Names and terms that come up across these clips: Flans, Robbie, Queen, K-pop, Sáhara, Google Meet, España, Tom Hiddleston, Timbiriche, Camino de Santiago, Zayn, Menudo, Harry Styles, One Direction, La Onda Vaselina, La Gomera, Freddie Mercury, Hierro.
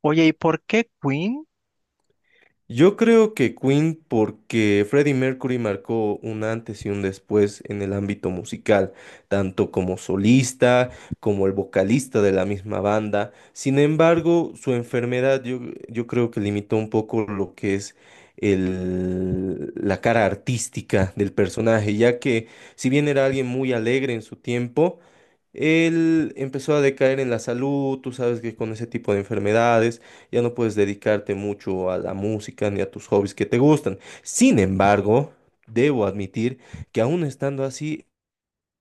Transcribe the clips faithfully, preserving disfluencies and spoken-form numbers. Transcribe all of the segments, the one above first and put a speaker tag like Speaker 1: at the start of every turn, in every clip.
Speaker 1: Oye, ¿y por qué Queen?
Speaker 2: Yo creo que Queen porque Freddie Mercury marcó un antes y un después en el ámbito musical, tanto como solista, como el vocalista de la misma banda. Sin embargo, su enfermedad yo, yo creo que limitó un poco lo que es el- la cara artística del personaje, ya que si bien era alguien muy alegre en su tiempo, él empezó a decaer en la salud. Tú sabes que con ese tipo de enfermedades ya no puedes dedicarte mucho a la música ni a tus hobbies que te gustan. Sin embargo, debo admitir que aún estando así,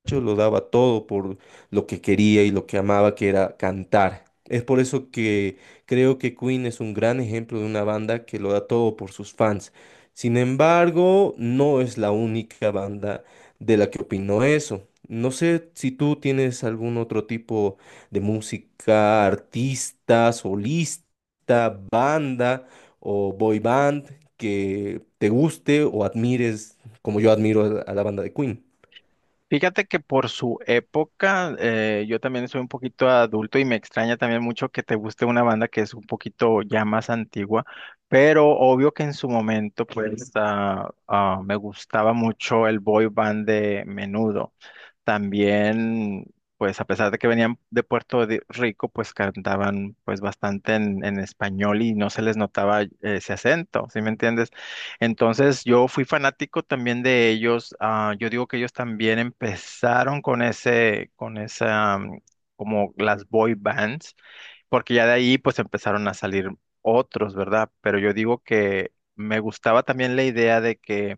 Speaker 2: lo daba todo por lo que quería y lo que amaba, que era cantar. Es por eso que creo que Queen es un gran ejemplo de una banda que lo da todo por sus fans. Sin embargo, no es la única banda de la que opino eso. No sé si tú tienes algún otro tipo de música, artista, solista, banda o boy band que te guste o admires como yo admiro a la a la banda de Queen.
Speaker 1: Fíjate que por su época, eh, yo también soy un poquito adulto y me extraña también mucho que te guste una banda que es un poquito ya más antigua, pero obvio que en su momento pues ah, ah, me gustaba mucho el boy band de Menudo. También, pues a pesar de que venían de Puerto de- Rico, pues cantaban pues bastante en, en español y no se les notaba eh, ese acento, ¿sí me entiendes? Entonces yo fui fanático también de ellos. Ah, yo digo que ellos también empezaron con ese, con esa, mm, como las boy bands, porque ya de ahí pues empezaron a salir otros, ¿verdad? Pero yo digo que me gustaba también la idea de que.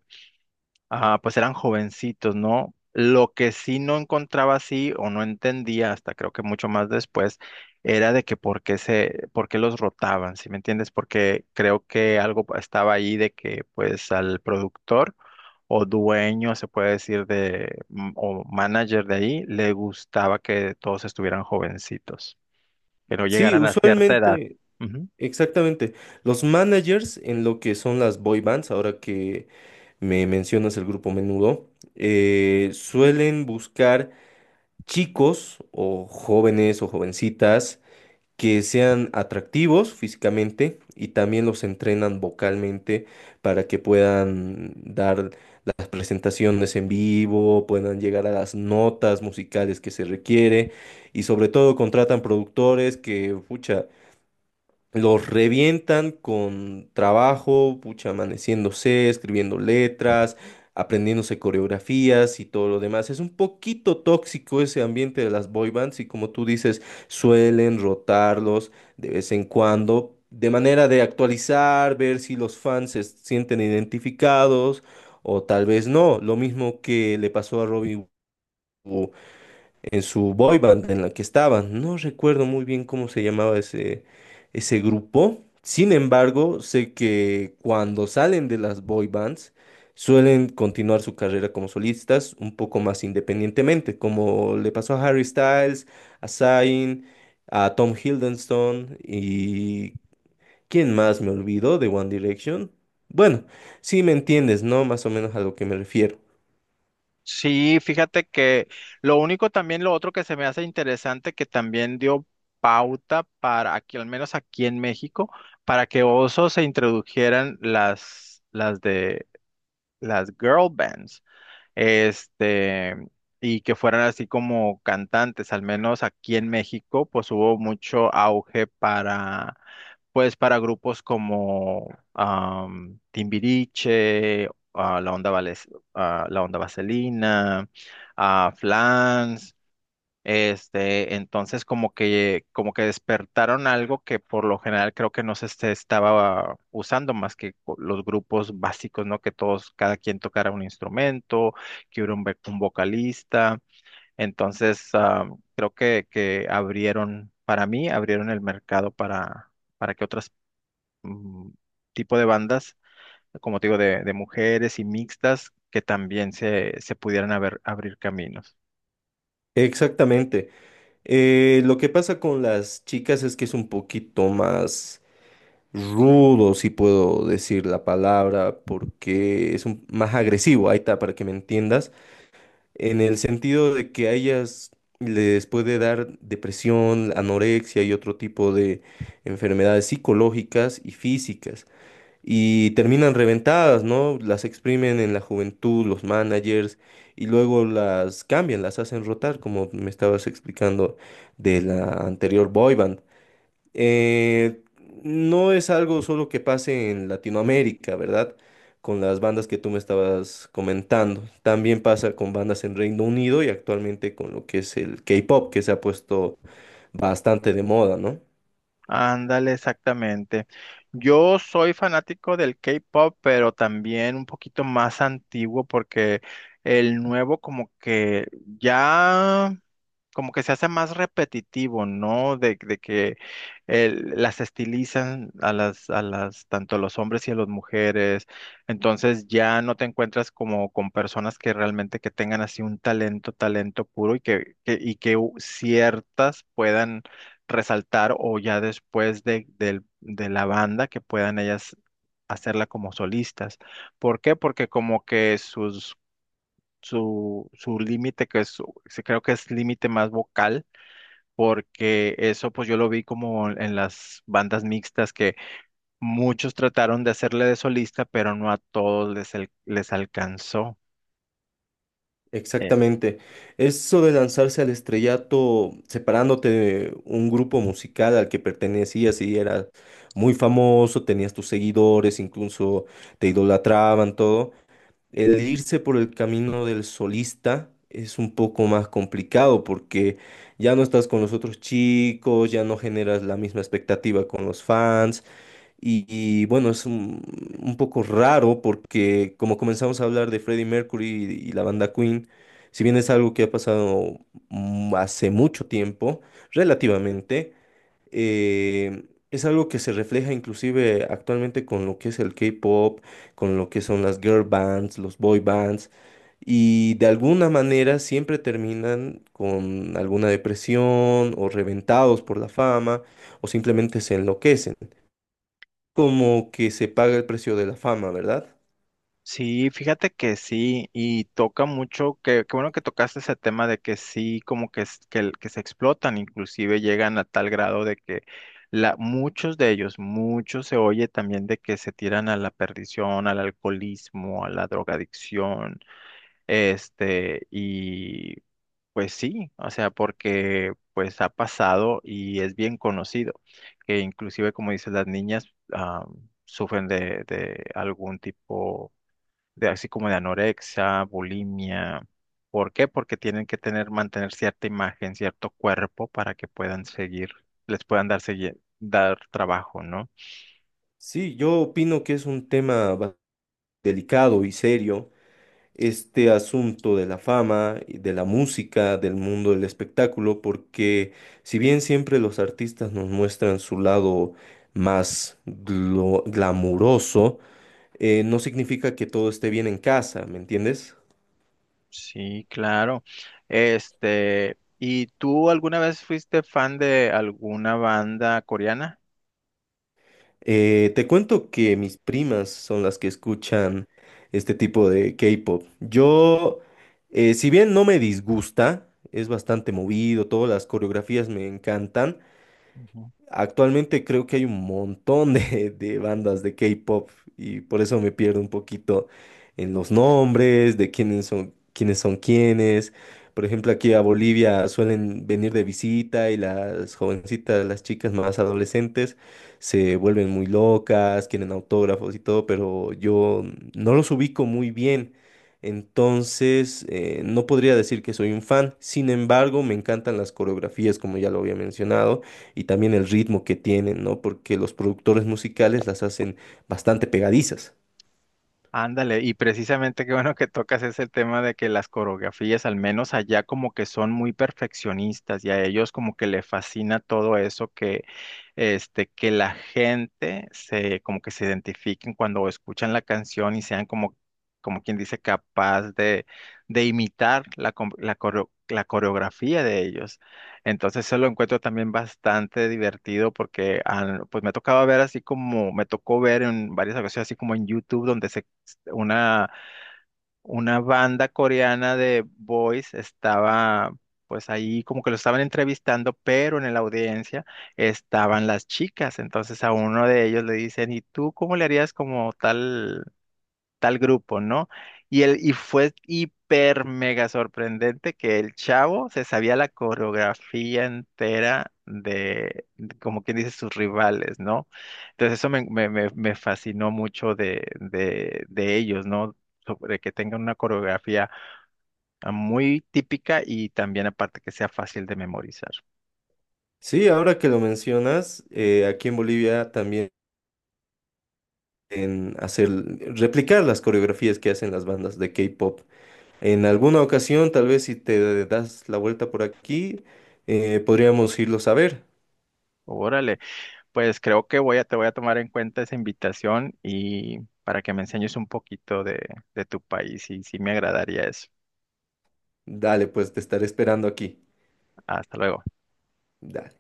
Speaker 1: Ajá, pues eran jovencitos, ¿no? Lo que sí no encontraba así o no entendía hasta creo que mucho más después era de que por qué se, por qué los rotaban, ¿sí me entiendes? Porque creo que algo estaba ahí de que pues al productor o dueño, se puede decir, de, m- o manager de ahí, le gustaba que todos estuvieran jovencitos, que no
Speaker 2: Sí,
Speaker 1: llegaran a cierta edad.
Speaker 2: usualmente, exactamente. Los managers en lo que son las boy bands, ahora que me mencionas el grupo Menudo, eh, suelen buscar chicos o jóvenes o jovencitas que sean atractivos físicamente y también los entrenan vocalmente para que puedan dar las presentaciones en vivo, puedan llegar a las notas musicales que se requiere y sobre todo contratan productores que, pucha, los revientan con trabajo, pucha, amaneciéndose, escribiendo letras, aprendiéndose coreografías y todo lo demás. Es un poquito tóxico ese ambiente de las boy bands y como tú dices, suelen rotarlos de vez en cuando, de manera de actualizar, ver si los fans se sienten identificados o tal vez no. Lo mismo que le pasó a Robbie en su boy band en la que estaba. No recuerdo muy bien cómo se llamaba ese, ese grupo. Sin embargo, sé que cuando salen de las boy bands, suelen continuar su carrera como solistas un poco más independientemente, como le pasó a Harry Styles, a Zayn, a Tom Hiddleston y ¿quién más me olvidó de One Direction? Bueno, sí me entiendes, ¿no? Más o menos a lo que me refiero.
Speaker 1: Sí, fíjate que lo único también, lo otro que se me hace interesante, que también dio pauta para aquí, al menos aquí en México, para que osos se introdujeran las, las de las girl bands, este, y que fueran así como cantantes, al menos aquí en México, pues hubo mucho auge para, pues para grupos como am, Timbiriche, ah, La Onda Vales- ah, La Onda Vaselina, ah, Flans, este, entonces como que, como que despertaron algo que por lo general creo que no se este- estaba usando más que co- los grupos básicos, ¿no? Que todos, cada quien tocara un instrumento, que hubiera un, ve- un vocalista. Entonces, ah, creo que, que abrieron, para mí, abrieron el mercado para, para que otras, mm, tipo de bandas, como te digo, de, de mujeres y mixtas, que también se, se pudieran haber- abrir caminos.
Speaker 2: Exactamente. Eh, lo que pasa con las chicas es que es un poquito más rudo, si puedo decir la palabra, porque es un- más agresivo, ahí está, para que me entiendas, en el sentido de que a ellas les puede dar depresión, anorexia y otro tipo de enfermedades psicológicas y físicas y terminan reventadas, ¿no? Las exprimen en la juventud, los managers, y luego las cambian, las hacen rotar, como me estabas explicando de la anterior boy band. Eh, no es algo solo que pase en Latinoamérica, ¿verdad? Con las bandas que tú me estabas comentando. También pasa con bandas en Reino Unido y actualmente con lo que es el K-pop, que se ha puesto bastante de moda, ¿no?
Speaker 1: Ándale, exactamente. Yo soy fanático del K-pop, pero también un poquito más antiguo porque el nuevo como que ya como que se hace más repetitivo, ¿no? De, de que el- las estilizan a las, a las, tanto a los hombres y a las mujeres. Entonces ya no te encuentras como con personas que realmente que tengan así un talento, talento puro y que, que- y que u- ciertas puedan resaltar o ya después de, del- de la banda que puedan ellas hacerla como solistas. ¿Por qué? Porque como que sus, su, su límite, que es, sí creo que es límite más vocal, porque eso pues yo lo vi como en las bandas mixtas que muchos trataron de hacerle de solista, pero no a todos les, al- les alcanzó.
Speaker 2: Exactamente. Eso de lanzarse al estrellato separándote de un grupo musical al que pertenecías y eras muy famoso, tenías tus seguidores, incluso te idolatraban, todo. El irse por el camino del solista es un poco más complicado porque ya no estás con los otros chicos, ya no generas la misma expectativa con los fans. Y, y, bueno, es un, un poco raro porque como comenzamos a hablar de Freddie Mercury y, y la banda Queen, si bien es algo que ha pasado mm, hace mucho tiempo, relativamente, eh, es algo que se refleja inclusive actualmente con lo que es el K-pop, con lo que son las girl bands, los boy bands, y de alguna manera siempre terminan con alguna depresión o reventados por la fama o simplemente se enloquecen, como que se paga el precio de la fama, ¿verdad?
Speaker 1: Sí, fíjate que sí, y toca mucho, que, qué bueno que tocaste ese tema de que sí, como que, es- que, el- que se explotan, inclusive llegan a tal grado de que la, muchos de ellos, muchos se oye también de que se tiran a la perdición, al alcoholismo, a la drogadicción, este, y pues sí, o sea, porque pues ha pasado y es bien conocido, que inclusive como dices, las niñas, ah, sufren de, de algún tipo de así como de anorexia, bulimia. ¿Por qué? Porque tienen que tener, mantener cierta imagen, cierto cuerpo para que puedan seguir, les puedan dar segui- dar trabajo, ¿no?
Speaker 2: Sí, yo opino que es un tema ba- delicado y serio, este asunto de la fama, y de la música, del mundo del espectáculo, porque si bien siempre los artistas nos muestran su lado más glo- glamuroso. Eh, no significa que todo esté bien en casa, ¿me entiendes?
Speaker 1: Sí, claro. Este, ¿y tú alguna vez fuiste fan de alguna banda coreana?
Speaker 2: Eh, te cuento que mis primas son las que escuchan este tipo de K-pop. Yo, eh, si bien no me disgusta, es bastante movido, todas las coreografías me encantan.
Speaker 1: Ujú.
Speaker 2: Actualmente creo que hay un montón de, de bandas de K-pop y por eso me pierdo un poquito en los nombres, de quiénes son, quiénes son quiénes. Por ejemplo, aquí a Bolivia suelen venir de visita y las jovencitas, las chicas más adolescentes, se vuelven muy locas, quieren autógrafos y todo, pero yo no los ubico muy bien. Entonces, eh, no podría decir que soy un fan. Sin embargo, me encantan las coreografías, como ya lo había mencionado, y también el ritmo que tienen, ¿no? Porque los productores musicales las hacen bastante pegadizas.
Speaker 1: Ándale, y precisamente qué bueno que tocas ese tema de que las coreografías, al menos allá como que son muy perfeccionistas y a ellos como que le fascina todo eso que, este, que la gente se, como que se identifiquen cuando escuchan la canción y sean como, como quien dice, capaz de, de imitar la, com- la, coreo- la coreografía de ellos. Entonces eso lo encuentro también bastante divertido porque al- pues me tocaba ver así como, me tocó ver en varias ocasiones así como en YouTube donde se una, una banda coreana de boys estaba, pues ahí como que lo estaban entrevistando, pero en la audiencia estaban las chicas. Entonces a uno de ellos le dicen, ¿y tú cómo le harías como tal? Tal grupo, ¿no? Y, el, y fue hiper mega sorprendente que el chavo se sabía la coreografía entera de, de como quien dice, sus rivales, ¿no? Entonces eso me, me, me- me fascinó mucho de, de, de ellos, ¿no? Sobre que tengan una coreografía ah, muy típica y también aparte que sea fácil de memorizar.
Speaker 2: Sí, ahora que lo mencionas, eh, aquí en Bolivia también en hacer, replicar las coreografías que hacen las bandas de K-pop. En alguna ocasión, tal vez si te das la vuelta por aquí, eh, podríamos irlos a ver.
Speaker 1: Órale. Pues creo que voy a, te voy a tomar en cuenta esa invitación y para que me enseñes un poquito de, de tu país y sí me agradaría eso.
Speaker 2: Dale, pues te estaré esperando aquí.
Speaker 1: Hasta luego.
Speaker 2: Dale.